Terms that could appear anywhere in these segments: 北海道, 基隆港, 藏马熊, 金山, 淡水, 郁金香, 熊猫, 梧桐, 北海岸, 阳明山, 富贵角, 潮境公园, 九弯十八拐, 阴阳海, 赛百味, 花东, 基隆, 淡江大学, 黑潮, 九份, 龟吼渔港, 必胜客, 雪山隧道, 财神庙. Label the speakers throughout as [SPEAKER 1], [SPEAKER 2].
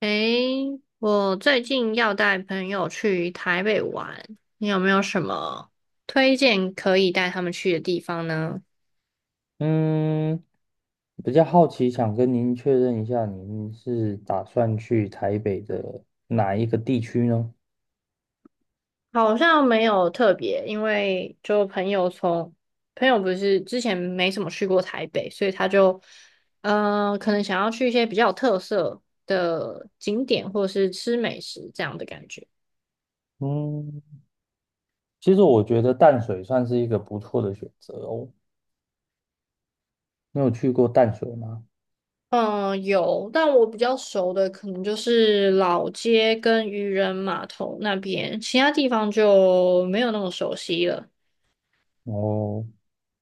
[SPEAKER 1] 诶，我最近要带朋友去台北玩，你有没有什么推荐可以带他们去的地方呢？
[SPEAKER 2] 嗯，比较好奇，想跟您确认一下，您是打算去台北的哪一个地区呢？
[SPEAKER 1] 好像没有特别，因为就朋友不是之前没怎么去过台北，所以他就可能想要去一些比较有特色的景点或是吃美食这样的感觉。
[SPEAKER 2] 嗯，其实我觉得淡水算是一个不错的选择哦。你有去过淡水吗？
[SPEAKER 1] 嗯，有，但我比较熟的可能就是老街跟渔人码头那边，其他地方就没有那么熟悉了。
[SPEAKER 2] 哦，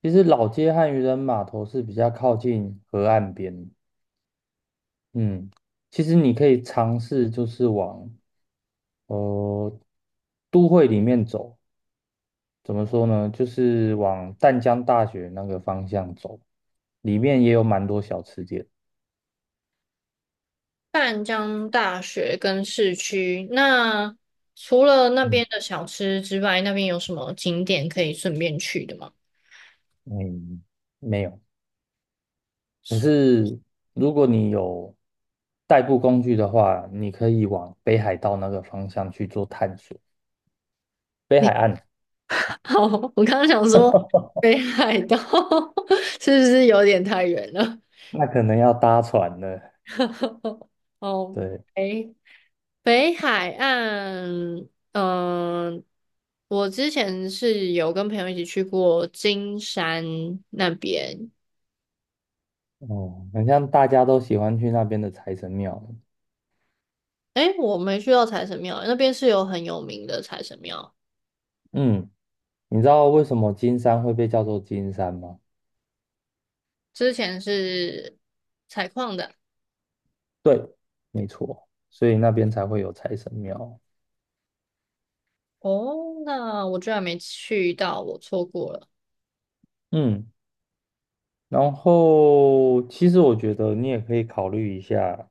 [SPEAKER 2] 其实老街和渔人码头是比较靠近河岸边。嗯，其实你可以尝试就是往呃都会里面走。怎么说呢？就是往淡江大学那个方向走，里面也有蛮多小吃店。
[SPEAKER 1] 淡江大学跟市区，那除了那
[SPEAKER 2] 嗯
[SPEAKER 1] 边的小吃之外，那边有什么景点可以顺便去的吗？
[SPEAKER 2] 嗯，没有。可是如果你有代步工具的话，你可以往北海道那个方向去做探索。北海
[SPEAKER 1] 你
[SPEAKER 2] 岸
[SPEAKER 1] 好，我刚刚想说北海道 是不是有点太远了？
[SPEAKER 2] 那可能要搭船了。
[SPEAKER 1] 哦，
[SPEAKER 2] 对，
[SPEAKER 1] 哎。北海岸，嗯、我之前是有跟朋友一起去过金山那边，
[SPEAKER 2] 哦，很像大家都喜欢去那边的财神庙。
[SPEAKER 1] 诶，我没去到财神庙，那边是有很有名的财神庙，
[SPEAKER 2] 嗯，你知道为什么金山会被叫做金山吗？
[SPEAKER 1] 之前是采矿的。
[SPEAKER 2] 对，没错，所以那边才会有财神庙。
[SPEAKER 1] 哦，那我居然没去到，我错过了。
[SPEAKER 2] 嗯。然后，其实我觉得你也可以考虑一下，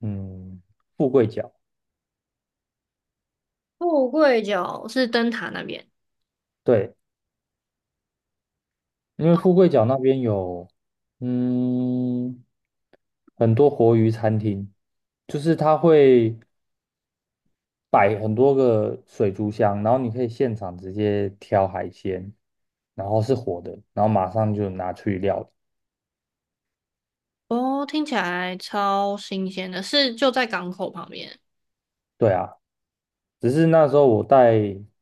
[SPEAKER 2] 嗯，富贵角，
[SPEAKER 1] 富贵角是灯塔那边，
[SPEAKER 2] 对，因为富贵角那边有，嗯，很多活鱼餐厅，就是它会摆很多个水族箱，然后你可以现场直接挑海鲜，然后是活的，然后马上就拿去料理。
[SPEAKER 1] 哦，听起来超新鲜的，是就在港口旁边。
[SPEAKER 2] 对啊，只是那时候我带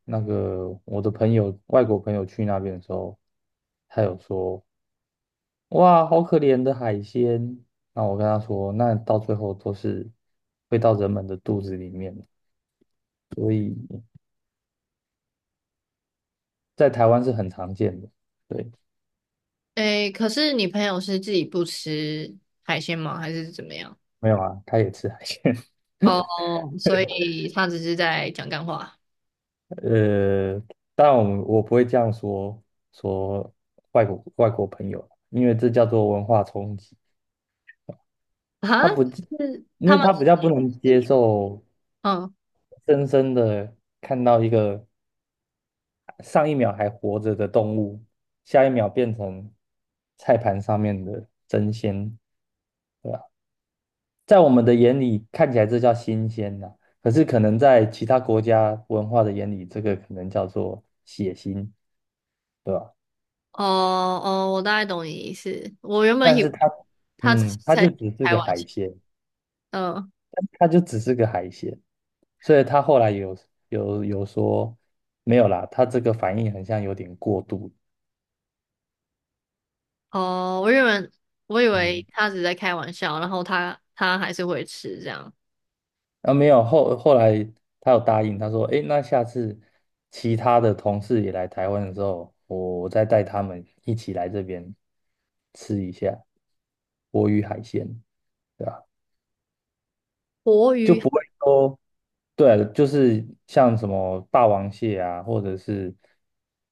[SPEAKER 2] 那个我的朋友，外国朋友去那边的时候，他有说。哇，好可怜的海鲜。那我跟他说，那到最后都是会到人们的肚子里面，在台湾是很常见的。对，
[SPEAKER 1] 诶，可是你朋友是自己不吃海鲜吗？还是怎么样？
[SPEAKER 2] 没有啊，他也吃海鲜。
[SPEAKER 1] 哦，所以他只是在讲干话
[SPEAKER 2] 呃，当然我不会这样说外国朋友，因为这叫做文化冲击。
[SPEAKER 1] 哈？
[SPEAKER 2] 他不，
[SPEAKER 1] 是
[SPEAKER 2] 因
[SPEAKER 1] 他
[SPEAKER 2] 为
[SPEAKER 1] 们
[SPEAKER 2] 他比较不能接
[SPEAKER 1] 是
[SPEAKER 2] 受
[SPEAKER 1] 嗯
[SPEAKER 2] 深深的看到一个上一秒还活着的动物，下一秒变成菜盘上面的真鲜。对啊，在我们的眼里看起来这叫新鲜呐、可是可能在其他国家文化的眼里，这个可能叫做血腥，对吧？
[SPEAKER 1] 哦哦，我大概懂你意思。我原本
[SPEAKER 2] 但
[SPEAKER 1] 以
[SPEAKER 2] 是
[SPEAKER 1] 为
[SPEAKER 2] 它，
[SPEAKER 1] 他只是
[SPEAKER 2] 它就
[SPEAKER 1] 在
[SPEAKER 2] 只是
[SPEAKER 1] 开
[SPEAKER 2] 个
[SPEAKER 1] 玩
[SPEAKER 2] 海
[SPEAKER 1] 笑，
[SPEAKER 2] 鲜，
[SPEAKER 1] 嗯
[SPEAKER 2] 它就只是个海鲜，所以他后来有说没有啦，他这个反应很像有点过度，
[SPEAKER 1] 哦，我原本我以为
[SPEAKER 2] 嗯。
[SPEAKER 1] 他只是在开玩笑，然后他还是会吃这样
[SPEAKER 2] 啊，没有，后来他有答应，他说："诶，那下次其他的同事也来台湾的时候，我再带他们一起来这边吃一下活鱼海鲜，对吧？"
[SPEAKER 1] 活
[SPEAKER 2] 就
[SPEAKER 1] 鱼。
[SPEAKER 2] 不会说，对，就是像什么霸王蟹啊，或者是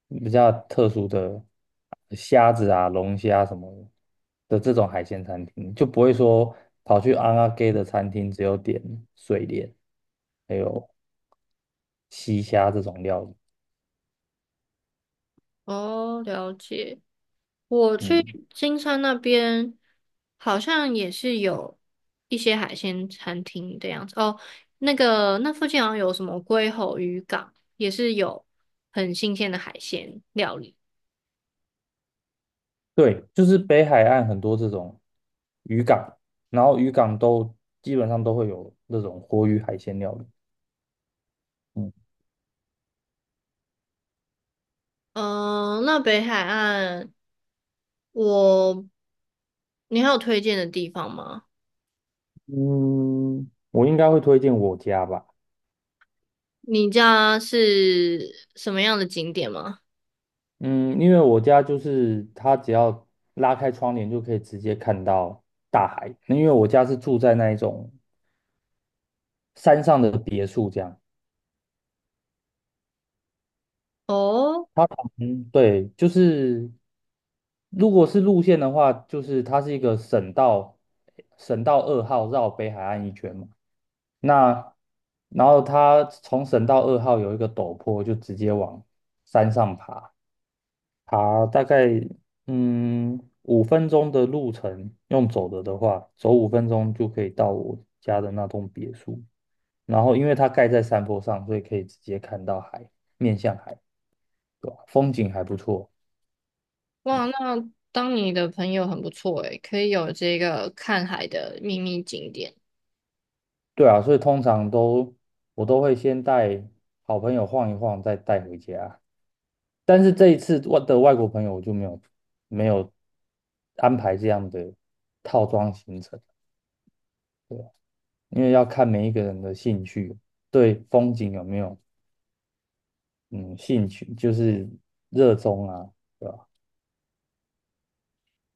[SPEAKER 2] 比较特殊的虾子啊、龙虾什么的这种海鲜餐厅，就不会说跑去安阿给的餐厅只有点水莲，还有西虾这种料理。
[SPEAKER 1] 哦，了解。我
[SPEAKER 2] 嗯，
[SPEAKER 1] 去金山那边好像也是有一些海鲜餐厅的样子哦。那个那附近好像有什么龟吼渔港，也是有很新鲜的海鲜料理。
[SPEAKER 2] 对，就是北海岸很多这种渔港，然后渔港都基本上都会有那种活鱼海鲜料理。嗯
[SPEAKER 1] 嗯、那北海岸我，你还有推荐的地方吗？
[SPEAKER 2] 嗯，我应该会推荐我家吧。
[SPEAKER 1] 你家是什么样的景点吗？
[SPEAKER 2] 嗯，因为我家就是它只要拉开窗帘就可以直接看到大海。那因为我家是住在那一种山上的别墅，这样。
[SPEAKER 1] 哦，
[SPEAKER 2] 它旁边对，就是如果是路线的话，就是它是一个省道，省道二号绕北海岸一圈嘛。那然后它从省道二号有一个陡坡，就直接往山上爬。爬大概五分钟的路程，用走的的话，走五分钟就可以到我家的那栋别墅。然后因为它盖在山坡上，所以可以直接看到海，面向海，对吧？风景还不错。
[SPEAKER 1] 哇，那当你的朋友很不错诶，可以有这个看海的秘密景点。
[SPEAKER 2] 对啊，所以通常都我都会先带好朋友晃一晃，再带回家。但是这一次外国朋友我就没有安排这样的套装行程。因为要看每一个人的兴趣，对风景有没有嗯兴趣，就是热衷啊，对吧？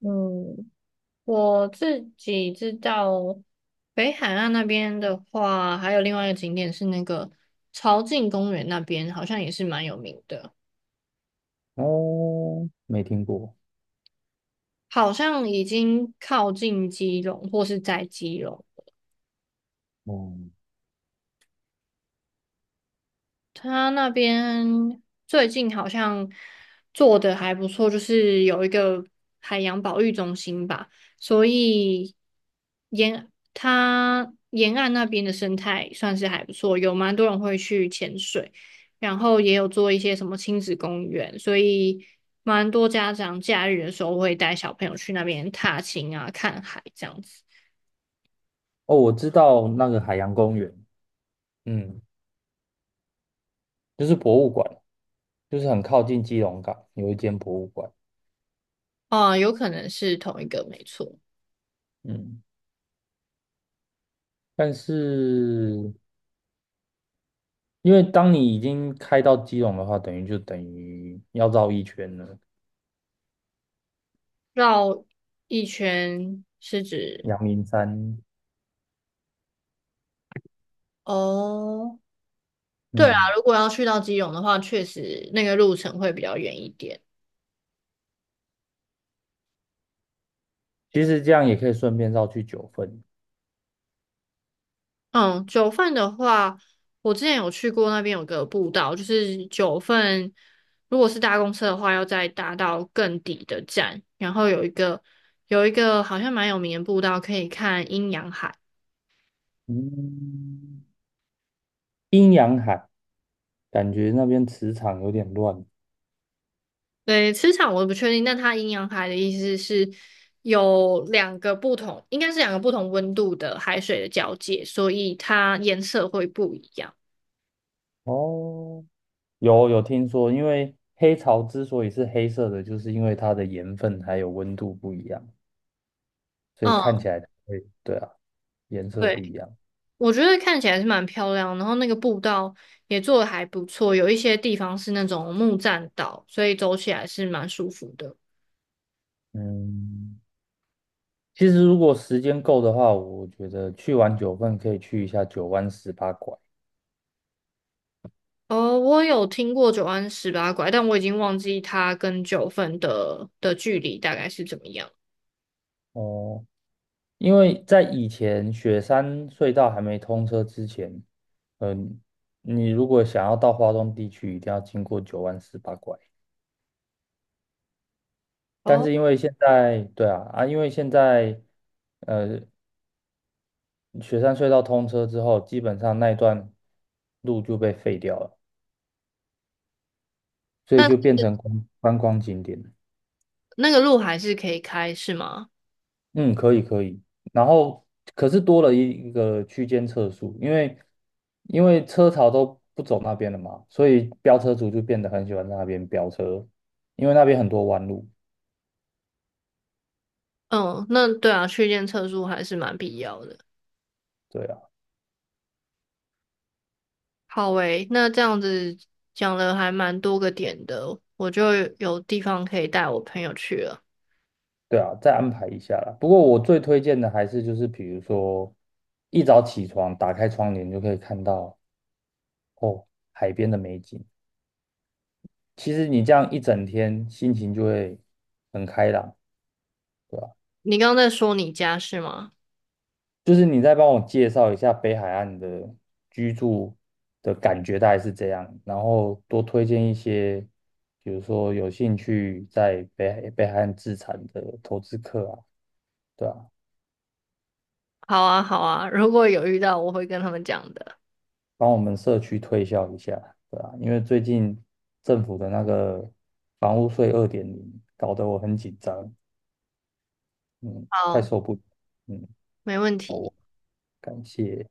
[SPEAKER 1] 嗯，我自己知道，北海岸那边的话，还有另外一个景点是那个潮境公园那边，好像也是蛮有名的，
[SPEAKER 2] 哦，没听过，
[SPEAKER 1] 好像已经靠近基隆或是在基隆。
[SPEAKER 2] 哦、
[SPEAKER 1] 他那边最近好像做的还不错，就是有一个海洋保育中心吧，所以沿它沿岸那边的生态算是还不错，有蛮多人会去潜水，然后也有做一些什么亲子公园，所以蛮多家长假日的时候会带小朋友去那边踏青啊、看海这样子。
[SPEAKER 2] 哦，我知道那个海洋公园，嗯，就是博物馆，就是很靠近基隆港有一间博物馆，
[SPEAKER 1] 啊、有可能是同一个，没错。
[SPEAKER 2] 嗯，但是因为当你已经开到基隆的话，等于就等于要绕一圈了，
[SPEAKER 1] 绕一圈是指
[SPEAKER 2] 阳明山，
[SPEAKER 1] 哦，对啦，
[SPEAKER 2] 嗯，
[SPEAKER 1] 如果要去到基隆的话，确实那个路程会比较远一点。
[SPEAKER 2] 其实这样也可以顺便绕去九份，
[SPEAKER 1] 嗯，九份的话，我之前有去过那边有个步道，就是九份，如果是搭公车的话，要再搭到更底的站，然后有一个好像蛮有名的步道，可以看阴阳海。
[SPEAKER 2] 嗯。阴阳海，感觉那边磁场有点乱。
[SPEAKER 1] 对，磁场我不确定，但它阴阳海的意思是有两个不同，应该是两个不同温度的海水的交界，所以它颜色会不一样。
[SPEAKER 2] 哦，有听说，因为黑潮之所以是黑色的，就是因为它的盐分还有温度不一样，所以看
[SPEAKER 1] 嗯，
[SPEAKER 2] 起来它会，对啊，颜色
[SPEAKER 1] 对，
[SPEAKER 2] 不一样。
[SPEAKER 1] 我觉得看起来是蛮漂亮，然后那个步道也做的还不错，有一些地方是那种木栈道，所以走起来是蛮舒服的。
[SPEAKER 2] 嗯，其实如果时间够的话，我觉得去完九份可以去一下九弯十八拐。
[SPEAKER 1] 哦，我有听过九弯十八拐，但我已经忘记它跟九份的距离大概是怎么样。
[SPEAKER 2] 哦，因为在以前雪山隧道还没通车之前，嗯、你如果想要到花东地区，一定要经过九弯十八拐。但
[SPEAKER 1] 哦，
[SPEAKER 2] 是因为现在，对啊，啊，因为现在呃，雪山隧道通车之后，基本上那一段路就被废掉了，所以就变成观光景点了。
[SPEAKER 1] 那个路还是可以开，是吗？
[SPEAKER 2] 嗯，可以可以。然后可是多了一个区间测速，因为车潮都不走那边了嘛，所以飙车族就变得很喜欢在那边飙车，因为那边很多弯路。
[SPEAKER 1] 嗯，那对啊，去练测速还是蛮必要的。
[SPEAKER 2] 对啊。
[SPEAKER 1] 好诶，那这样子讲了还蛮多个点的，我就有地方可以带我朋友去了。
[SPEAKER 2] 对啊，再安排一下啦。不过我最推荐的还是就是，比如说一早起床，打开窗帘就可以看到哦海边的美景。其实你这样一整天，心情就会很开朗，对吧？
[SPEAKER 1] 你刚刚在说你家是吗？
[SPEAKER 2] 就是你再帮我介绍一下北海岸的居住的感觉大概是这样，然后多推荐一些，比如说有兴趣在北海岸自产的投资客啊，对吧？
[SPEAKER 1] 好啊，好啊，如果有遇到，我会跟他们讲的。
[SPEAKER 2] 帮我们社区推销一下，对啊，因为最近政府的那个房屋税2.0搞得我很紧张，嗯，快
[SPEAKER 1] 好，
[SPEAKER 2] 受不了，嗯，
[SPEAKER 1] 没问题。
[SPEAKER 2] 好，感谢。